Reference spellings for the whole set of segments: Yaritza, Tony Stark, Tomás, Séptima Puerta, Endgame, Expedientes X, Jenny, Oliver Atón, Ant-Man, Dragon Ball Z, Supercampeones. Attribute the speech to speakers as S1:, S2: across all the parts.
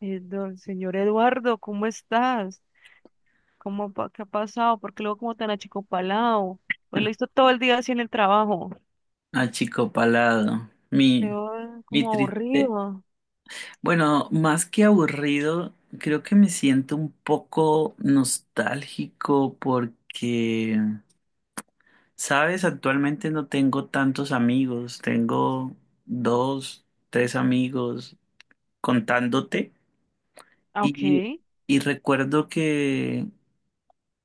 S1: Don señor Eduardo, ¿cómo estás? ¿Cómo, qué ha pasado? ¿Por qué luego como tan achicopalado? Hoy lo hizo todo el día así en el trabajo.
S2: Achicopalado.
S1: Te veo
S2: Mi
S1: como
S2: tri-
S1: aburrido.
S2: Bueno, más que aburrido, creo que me siento un poco nostálgico porque sabes, actualmente no tengo tantos amigos, tengo dos, tres amigos contándote
S1: Ah,
S2: y,
S1: ok.
S2: y recuerdo que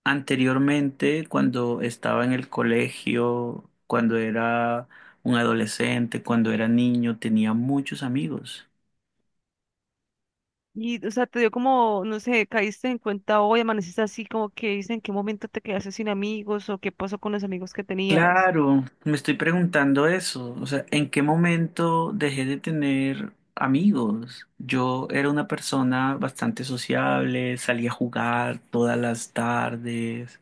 S2: anteriormente cuando estaba en el colegio, cuando era un adolescente, cuando era niño, tenía muchos amigos.
S1: Y, o sea, te dio como, no sé, caíste en cuenta hoy, amaneciste así, como que dice en qué momento te quedaste sin amigos o qué pasó con los amigos que tenías.
S2: Claro, me estoy preguntando eso, o sea, ¿en qué momento dejé de tener amigos? Yo era una persona bastante sociable, salía a jugar todas las tardes,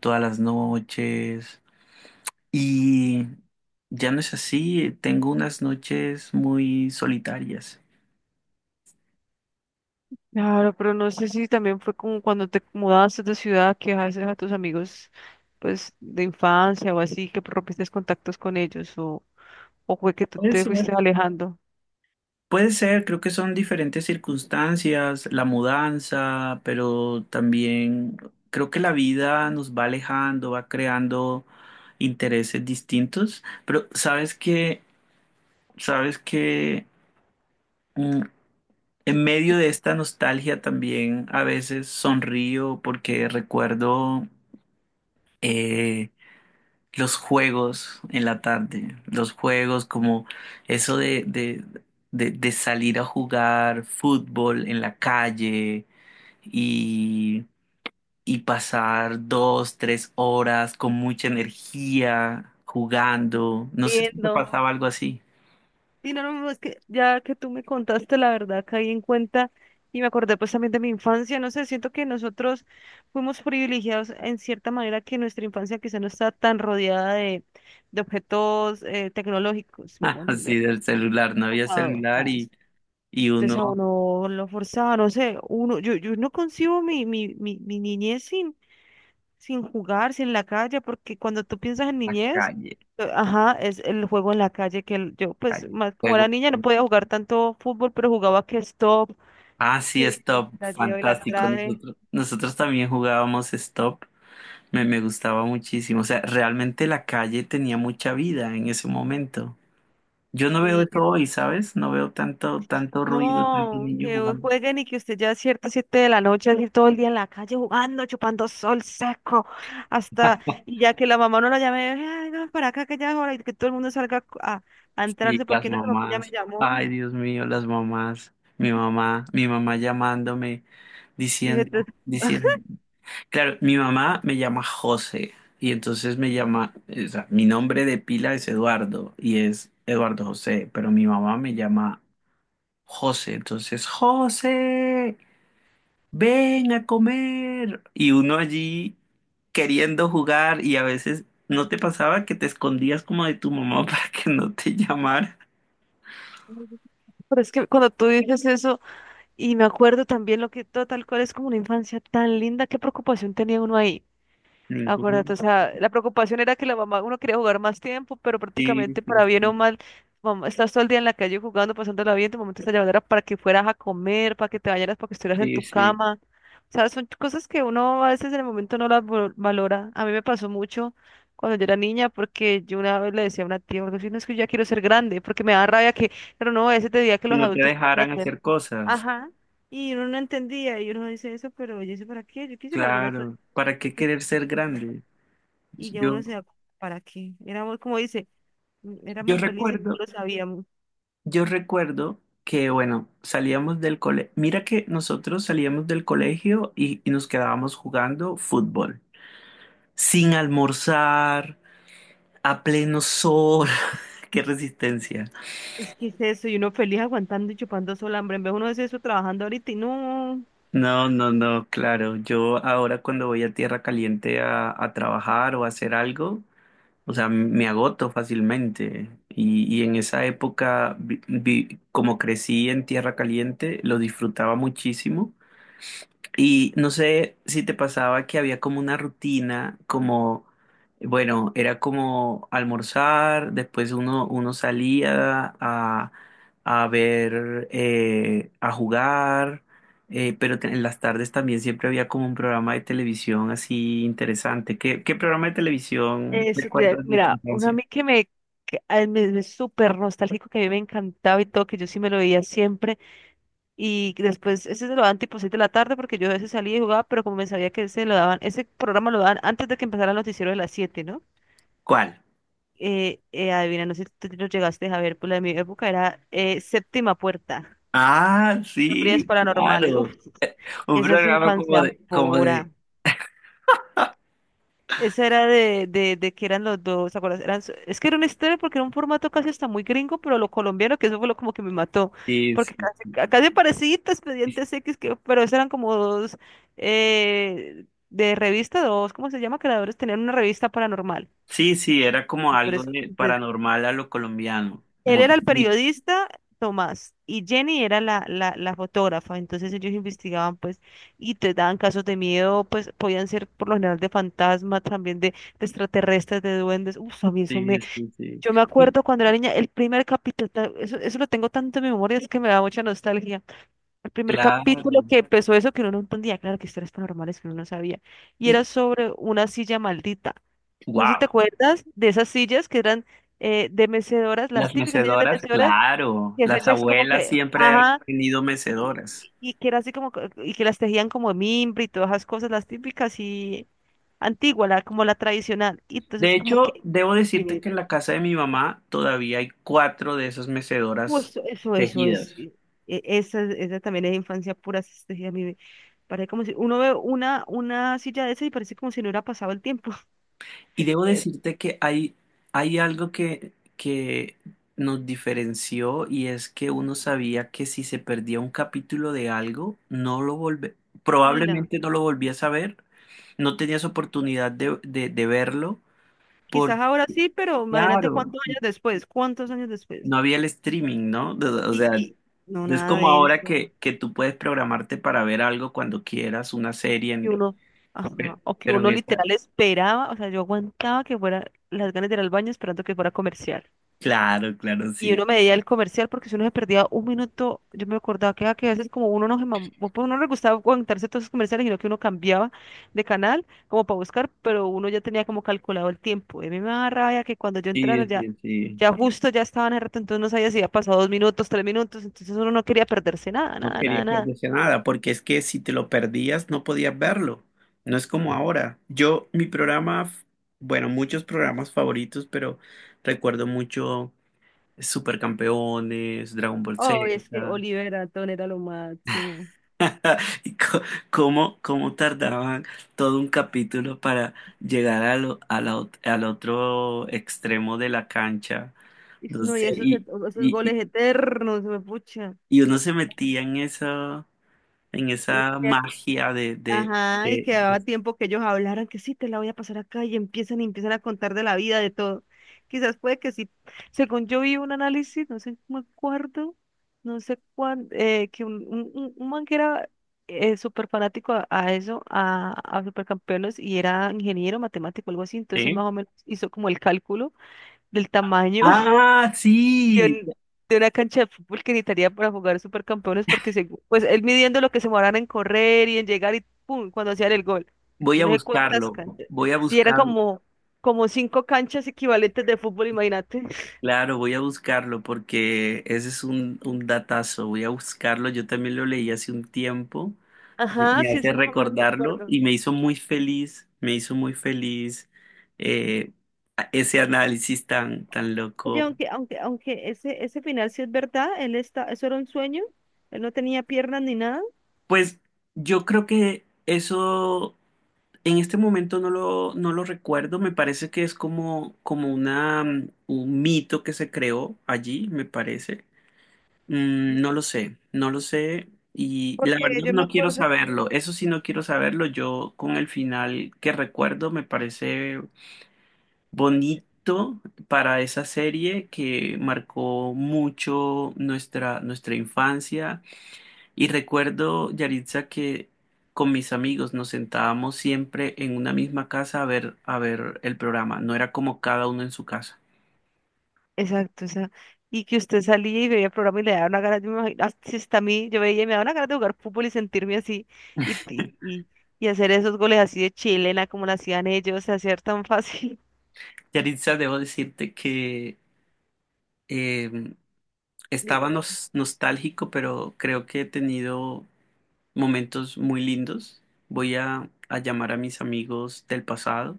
S2: todas las noches, y ya no es así, tengo unas noches muy solitarias.
S1: Claro, pero no sé si también fue como cuando te mudaste de ciudad, que dejaste a tus amigos, pues, de infancia o así, que rompiste contactos con ellos o... ¿O fue que tú
S2: Puede
S1: te fuiste
S2: ser.
S1: alejando?
S2: Puede ser, creo que son diferentes circunstancias, la mudanza, pero también creo que la vida nos va alejando, va creando intereses distintos, pero sabes que, sabes que mm, en medio de esta nostalgia también a veces sonrío porque recuerdo eh, los juegos en la tarde, los juegos como eso de salir a jugar fútbol en la calle y, y pasar dos, tres horas con mucha energía jugando. No sé si te
S1: Viendo.
S2: pasaba algo así.
S1: Y no, no, no, es que ya que tú me contaste la verdad, caí en cuenta y me acordé pues también de mi infancia, no sé, siento que nosotros fuimos privilegiados en cierta manera que nuestra infancia quizá no está tan rodeada de objetos tecnológicos, si me hago
S2: Así
S1: entender.
S2: del celular, no había
S1: Computador,
S2: celular
S1: nada más.
S2: y
S1: Entonces a
S2: uno
S1: uno lo forzaba, no sé, uno, yo no concibo mi niñez sin sin jugar, sin la calle, porque cuando tú piensas en
S2: la
S1: niñez,
S2: calle,
S1: ajá, es el juego en la calle que yo, pues,
S2: calle,
S1: más como
S2: juego.
S1: era niña, no podía jugar tanto fútbol, pero jugaba que stop,
S2: Ah, sí,
S1: que
S2: Stop,
S1: la lleva y la
S2: fantástico.
S1: trae,
S2: Nosotros también jugábamos Stop. Me gustaba muchísimo. O sea, realmente la calle tenía mucha vida en ese momento. Yo no veo
S1: sí, que
S2: eso hoy, ¿sabes? No veo tanto, tanto ruido, tanto
S1: no,
S2: niño
S1: que hoy
S2: jugando.
S1: jueguen y que usted ya a ciertas siete de la noche, así todo el día en la calle jugando, chupando sol seco, hasta, y ya que la mamá no la llame, ay, no, para acá que ya es hora, y que todo el mundo salga a
S2: Sí,
S1: entrarse,
S2: las
S1: porque no, la mamá ya me
S2: mamás.
S1: llamó,
S2: Ay, Dios mío, las mamás. Mi mamá llamándome,
S1: y
S2: diciendo, diciendo. Claro, mi mamá me llama José y entonces me llama, o sea, mi nombre de pila es Eduardo y es Eduardo José, pero mi mamá me llama José, entonces José. Ven a comer. Y uno allí queriendo jugar y a veces no te pasaba que te escondías como de tu mamá para que no te llamara.
S1: pero es que cuando tú dices eso, y me acuerdo también lo que tal cual es como una infancia tan linda, qué preocupación tenía uno ahí. Acuérdate, o
S2: Ningún.
S1: sea, la preocupación era que la mamá, uno quería jugar más tiempo, pero
S2: Sí,
S1: prácticamente
S2: sí,
S1: para bien o
S2: sí,
S1: mal, mamá, estás todo el día en la calle jugando, pasándola bien, tu mamá te está llamando para que fueras a comer, para que te bañaras, para que estuvieras en
S2: sí,
S1: tu
S2: sí.
S1: cama. O sea, son cosas que uno a veces en el momento no las valora. A mí me pasó mucho cuando yo era niña, porque yo una vez le decía a una tía, "Gordo, si no es que yo ya quiero ser grande, porque me da rabia que, pero no, ese te diría que
S2: Que
S1: los
S2: no te
S1: adultos pueden
S2: dejaran
S1: hacer.
S2: hacer cosas.
S1: Ajá. Y uno no entendía, y uno dice eso, pero yo sé para qué, yo quisiera volver a su...
S2: Claro, ¿para
S1: yo
S2: qué
S1: quis-
S2: querer ser grande?
S1: Y ya uno
S2: Yo,
S1: se da cuenta, ¿para qué? Éramos, como dice,
S2: yo
S1: éramos felices,
S2: recuerdo,
S1: no lo sabíamos.
S2: yo recuerdo que, bueno, salíamos del colegio. Mira que nosotros salíamos del colegio y nos quedábamos jugando fútbol, sin almorzar. A pleno sol, qué resistencia.
S1: Es que es eso, y uno feliz aguantando y chupando sol, hambre. En vez uno de eso trabajando ahorita y no.
S2: No, no, no, claro. Yo ahora cuando voy a tierra caliente a trabajar o a hacer algo, o sea, me agoto fácilmente. Y en esa época, como crecí en tierra caliente, lo disfrutaba muchísimo. Y no sé si te pasaba que había como una rutina, como, bueno, era como almorzar, después uno salía a ver, a jugar, pero en las tardes también siempre había como un programa de televisión así interesante. ¿Qué programa de televisión
S1: Eso,
S2: recuerdas de tu
S1: mira, uno a
S2: infancia?
S1: mí que me, que, ay, me súper nostálgico, que a mí me encantaba y todo, que yo sí me lo veía siempre. Y después, ese se lo daban tipo 6 de la tarde, porque yo a veces salía y jugaba, pero como me sabía que ese lo daban, ese programa lo daban antes de que empezara el noticiero de las 7, ¿no?
S2: ¿Cuál?
S1: Adivina, no sé si tú lo llegaste a ver, pues la de mi época era Séptima Puerta,
S2: Ah,
S1: historias
S2: sí,
S1: paranormales. Uf,
S2: claro. Un
S1: esa es
S2: programa como
S1: infancia
S2: de,
S1: pura. Esa era de que eran los dos, ¿te acuerdas? Eran, es que era una historia porque era un formato casi hasta muy gringo, pero lo colombiano, que eso fue lo como que me mató,
S2: sí,
S1: porque
S2: sí.
S1: casi, casi parecido a Expedientes X, que, pero esos eran como dos de revista, dos, ¿cómo se llama? Creadores, tenían una revista paranormal.
S2: Sí, sí, era como
S1: Y por
S2: algo
S1: eso,
S2: de
S1: pues,
S2: paranormal a lo colombiano.
S1: él era el
S2: Muy-
S1: periodista, Tomás, y Jenny era la, la, la fotógrafa. Entonces ellos investigaban, pues, y te daban casos de miedo, pues, podían ser por lo general de fantasmas, también de extraterrestres, de duendes. Uf, a mí eso
S2: Sí,
S1: me...
S2: sí, sí.
S1: Yo me
S2: Y
S1: acuerdo cuando era niña, el primer capítulo, eso, eso lo tengo tanto en mi memoria, es que me da mucha nostalgia. El primer capítulo
S2: claro.
S1: que empezó eso, que uno no entendía, claro, que historias paranormales que uno no sabía, y
S2: Y
S1: era sobre una silla maldita. No sé si
S2: wow,
S1: te acuerdas de esas sillas que eran de mecedoras, las
S2: las
S1: típicas sillas de
S2: mecedoras,
S1: mecedoras,
S2: claro.
S1: y es
S2: Las
S1: hecha es como
S2: abuelas
S1: que,
S2: siempre han
S1: ajá,
S2: tenido
S1: y,
S2: mecedoras.
S1: y que era así como, y que las tejían como de mimbre y todas esas cosas, las típicas y antigua, la, como la tradicional. Y
S2: De
S1: entonces como
S2: hecho,
S1: que,
S2: debo decirte
S1: tiene-
S2: que en la casa de mi mamá todavía hay cuatro de esas mecedoras
S1: pues, eso es,
S2: tejidas.
S1: esa, esa también es infancia pura, esas tejidas, a mí me parece como si, uno ve una silla de esas y parece como si no hubiera pasado el tiempo.
S2: Y debo
S1: Eh,
S2: decirte que hay algo que nos diferenció y es que uno sabía que si se perdía un capítulo de algo,
S1: ay, la,
S2: probablemente no lo volvías a ver, no tenías oportunidad de verlo, porque
S1: quizás ahora sí, pero imagínate
S2: claro,
S1: cuántos años después, cuántos años después.
S2: no había el streaming, ¿no? O
S1: Y,
S2: sea,
S1: y no,
S2: es
S1: nada
S2: como
S1: de
S2: ahora
S1: eso.
S2: que tú puedes programarte para ver algo cuando quieras, una serie,
S1: Que uno, ajá, o que
S2: pero en
S1: uno
S2: esta.
S1: literal esperaba, o sea, yo aguantaba que fuera las ganas de ir al baño esperando que fuera comercial.
S2: Claro, claro,
S1: Y
S2: sí.
S1: uno me veía el comercial porque si uno se perdía un minuto, yo me acordaba que, ah, que a veces como uno no se o pues uno no le gustaba aguantarse todos esos comerciales, sino que uno cambiaba de canal como para buscar, pero uno ya tenía como calculado el tiempo. Y a mí me daba rabia que cuando yo
S2: Sí,
S1: entrara ya,
S2: sí, sí.
S1: ya justo ya estaban en el rato, entonces no sabía si había pasado 2 minutos, 3 minutos, entonces uno no quería perderse nada,
S2: No
S1: nada,
S2: quería
S1: nada, nada.
S2: perderse nada, porque es que si te lo perdías no podías verlo. No es como ahora. Yo, mi programa, f- bueno, muchos programas favoritos, pero recuerdo mucho Supercampeones, Dragon Ball Z,
S1: Oh, es que Oliver Atón era lo máximo.
S2: y co- cómo tardaban todo un capítulo para llegar a al otro extremo de la cancha.
S1: Y
S2: No
S1: no, y
S2: sé,
S1: esos,
S2: y,
S1: esos
S2: y, y
S1: goles eternos, me pucha.
S2: y uno se metía en
S1: Y
S2: esa magia
S1: ajá, y
S2: de-
S1: quedaba tiempo que ellos hablaran que sí, te la voy a pasar acá y empiezan a contar de la vida, de todo. Quizás puede que sí. Según yo vi un análisis, no sé, no me acuerdo, no sé cuán, que un, un man que era súper fanático a eso, a Supercampeones, y era ingeniero matemático, algo así, entonces él
S2: ¿Sí?
S1: más o menos hizo como el cálculo del tamaño
S2: Ah,
S1: de,
S2: sí,
S1: de una cancha de fútbol que necesitaría para jugar supercampeones, pues él midiendo lo que se demoraran en correr y en llegar y pum, cuando hacían el gol.
S2: voy
S1: Yo
S2: a
S1: no sé cuántas
S2: buscarlo,
S1: canchas.
S2: voy a
S1: Si eran
S2: buscarlo,
S1: como, como 5 canchas equivalentes de fútbol, imagínate.
S2: claro, voy a buscarlo porque ese es un datazo, voy a buscarlo, yo también lo leí hace un tiempo,
S1: Ajá,
S2: me
S1: sí,
S2: hace
S1: sí, más o menos me
S2: recordarlo
S1: acuerdo.
S2: y me hizo muy feliz, me hizo muy feliz eh, ese análisis tan, tan
S1: Oye,
S2: loco.
S1: aunque ese final sí es verdad, él está, eso era un sueño, él no tenía piernas ni nada,
S2: Pues yo creo que eso. En este momento no lo recuerdo, me parece que es como, como una, mm, un mito que se creó allí, me parece. Mm, no lo sé, no lo sé y la
S1: porque
S2: verdad
S1: yo me
S2: no quiero
S1: acuerdo.
S2: saberlo, eso sí no quiero saberlo, yo con el final que recuerdo me parece bonito para esa serie que marcó mucho nuestra infancia y recuerdo, Yaritza, que con mis amigos nos sentábamos siempre en una misma casa a ver el programa. No era como cada uno en su casa.
S1: Exacto, o sea, y que usted salía y veía el programa y le daba una gana, yo me imagino, así está a mí, yo veía y me daba una gana de jugar fútbol y sentirme así, y, y, y, y hacer esos goles así de chilena como lo hacían ellos, hacer tan fácil.
S2: Yaritza, debo decirte que eh, estaba
S1: Dime,
S2: nostálgico, pero creo que he tenido momentos muy lindos. Voy a llamar a mis amigos del pasado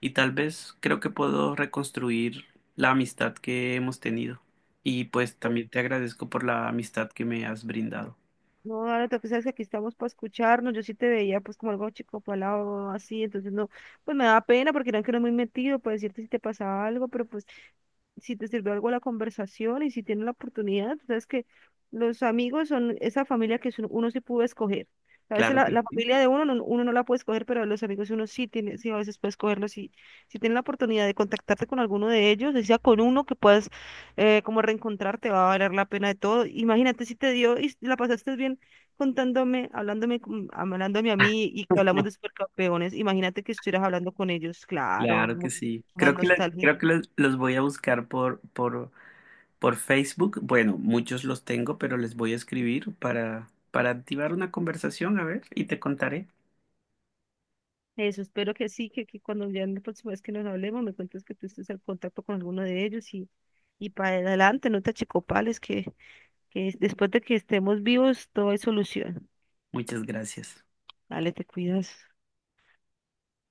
S2: y tal vez creo que puedo reconstruir la amistad que hemos tenido. Y pues
S1: no,
S2: también te agradezco por la amistad que me has brindado.
S1: no, ahora tú sabes que aquí estamos para escucharnos, yo sí te veía pues como algo chico palado así, entonces no, pues me daba pena porque eran que no muy metido, para decirte si te pasaba algo, pero pues si te sirvió algo la conversación y si tienes la oportunidad, tú sabes que los amigos son esa familia que uno sí pudo escoger. A veces
S2: Claro
S1: la,
S2: que
S1: la
S2: sí,
S1: familia de uno, uno no la puede escoger, pero los amigos uno sí tiene, sí a veces puede escogerlos. Si si tienes la oportunidad de contactarte con alguno de ellos, decía con uno que puedas como reencontrarte, va a valer la pena de todo. Imagínate si te dio y la pasaste bien contándome, hablándome, hablándome a mí y que hablamos de supercampeones. Imagínate que estuvieras hablando con ellos, claro,
S2: claro que sí.
S1: más
S2: Creo que,
S1: nostálgico.
S2: creo que los voy a buscar por Facebook. Bueno, muchos los tengo, pero les voy a escribir para activar una conversación, a ver, y te contaré.
S1: Eso, espero que sí, que cuando ya la próxima vez que nos hablemos me cuentes que tú estés en contacto con alguno de ellos y para adelante, no te achicopales, que después de que estemos vivos todo hay solución.
S2: Muchas gracias.
S1: Dale, te cuidas.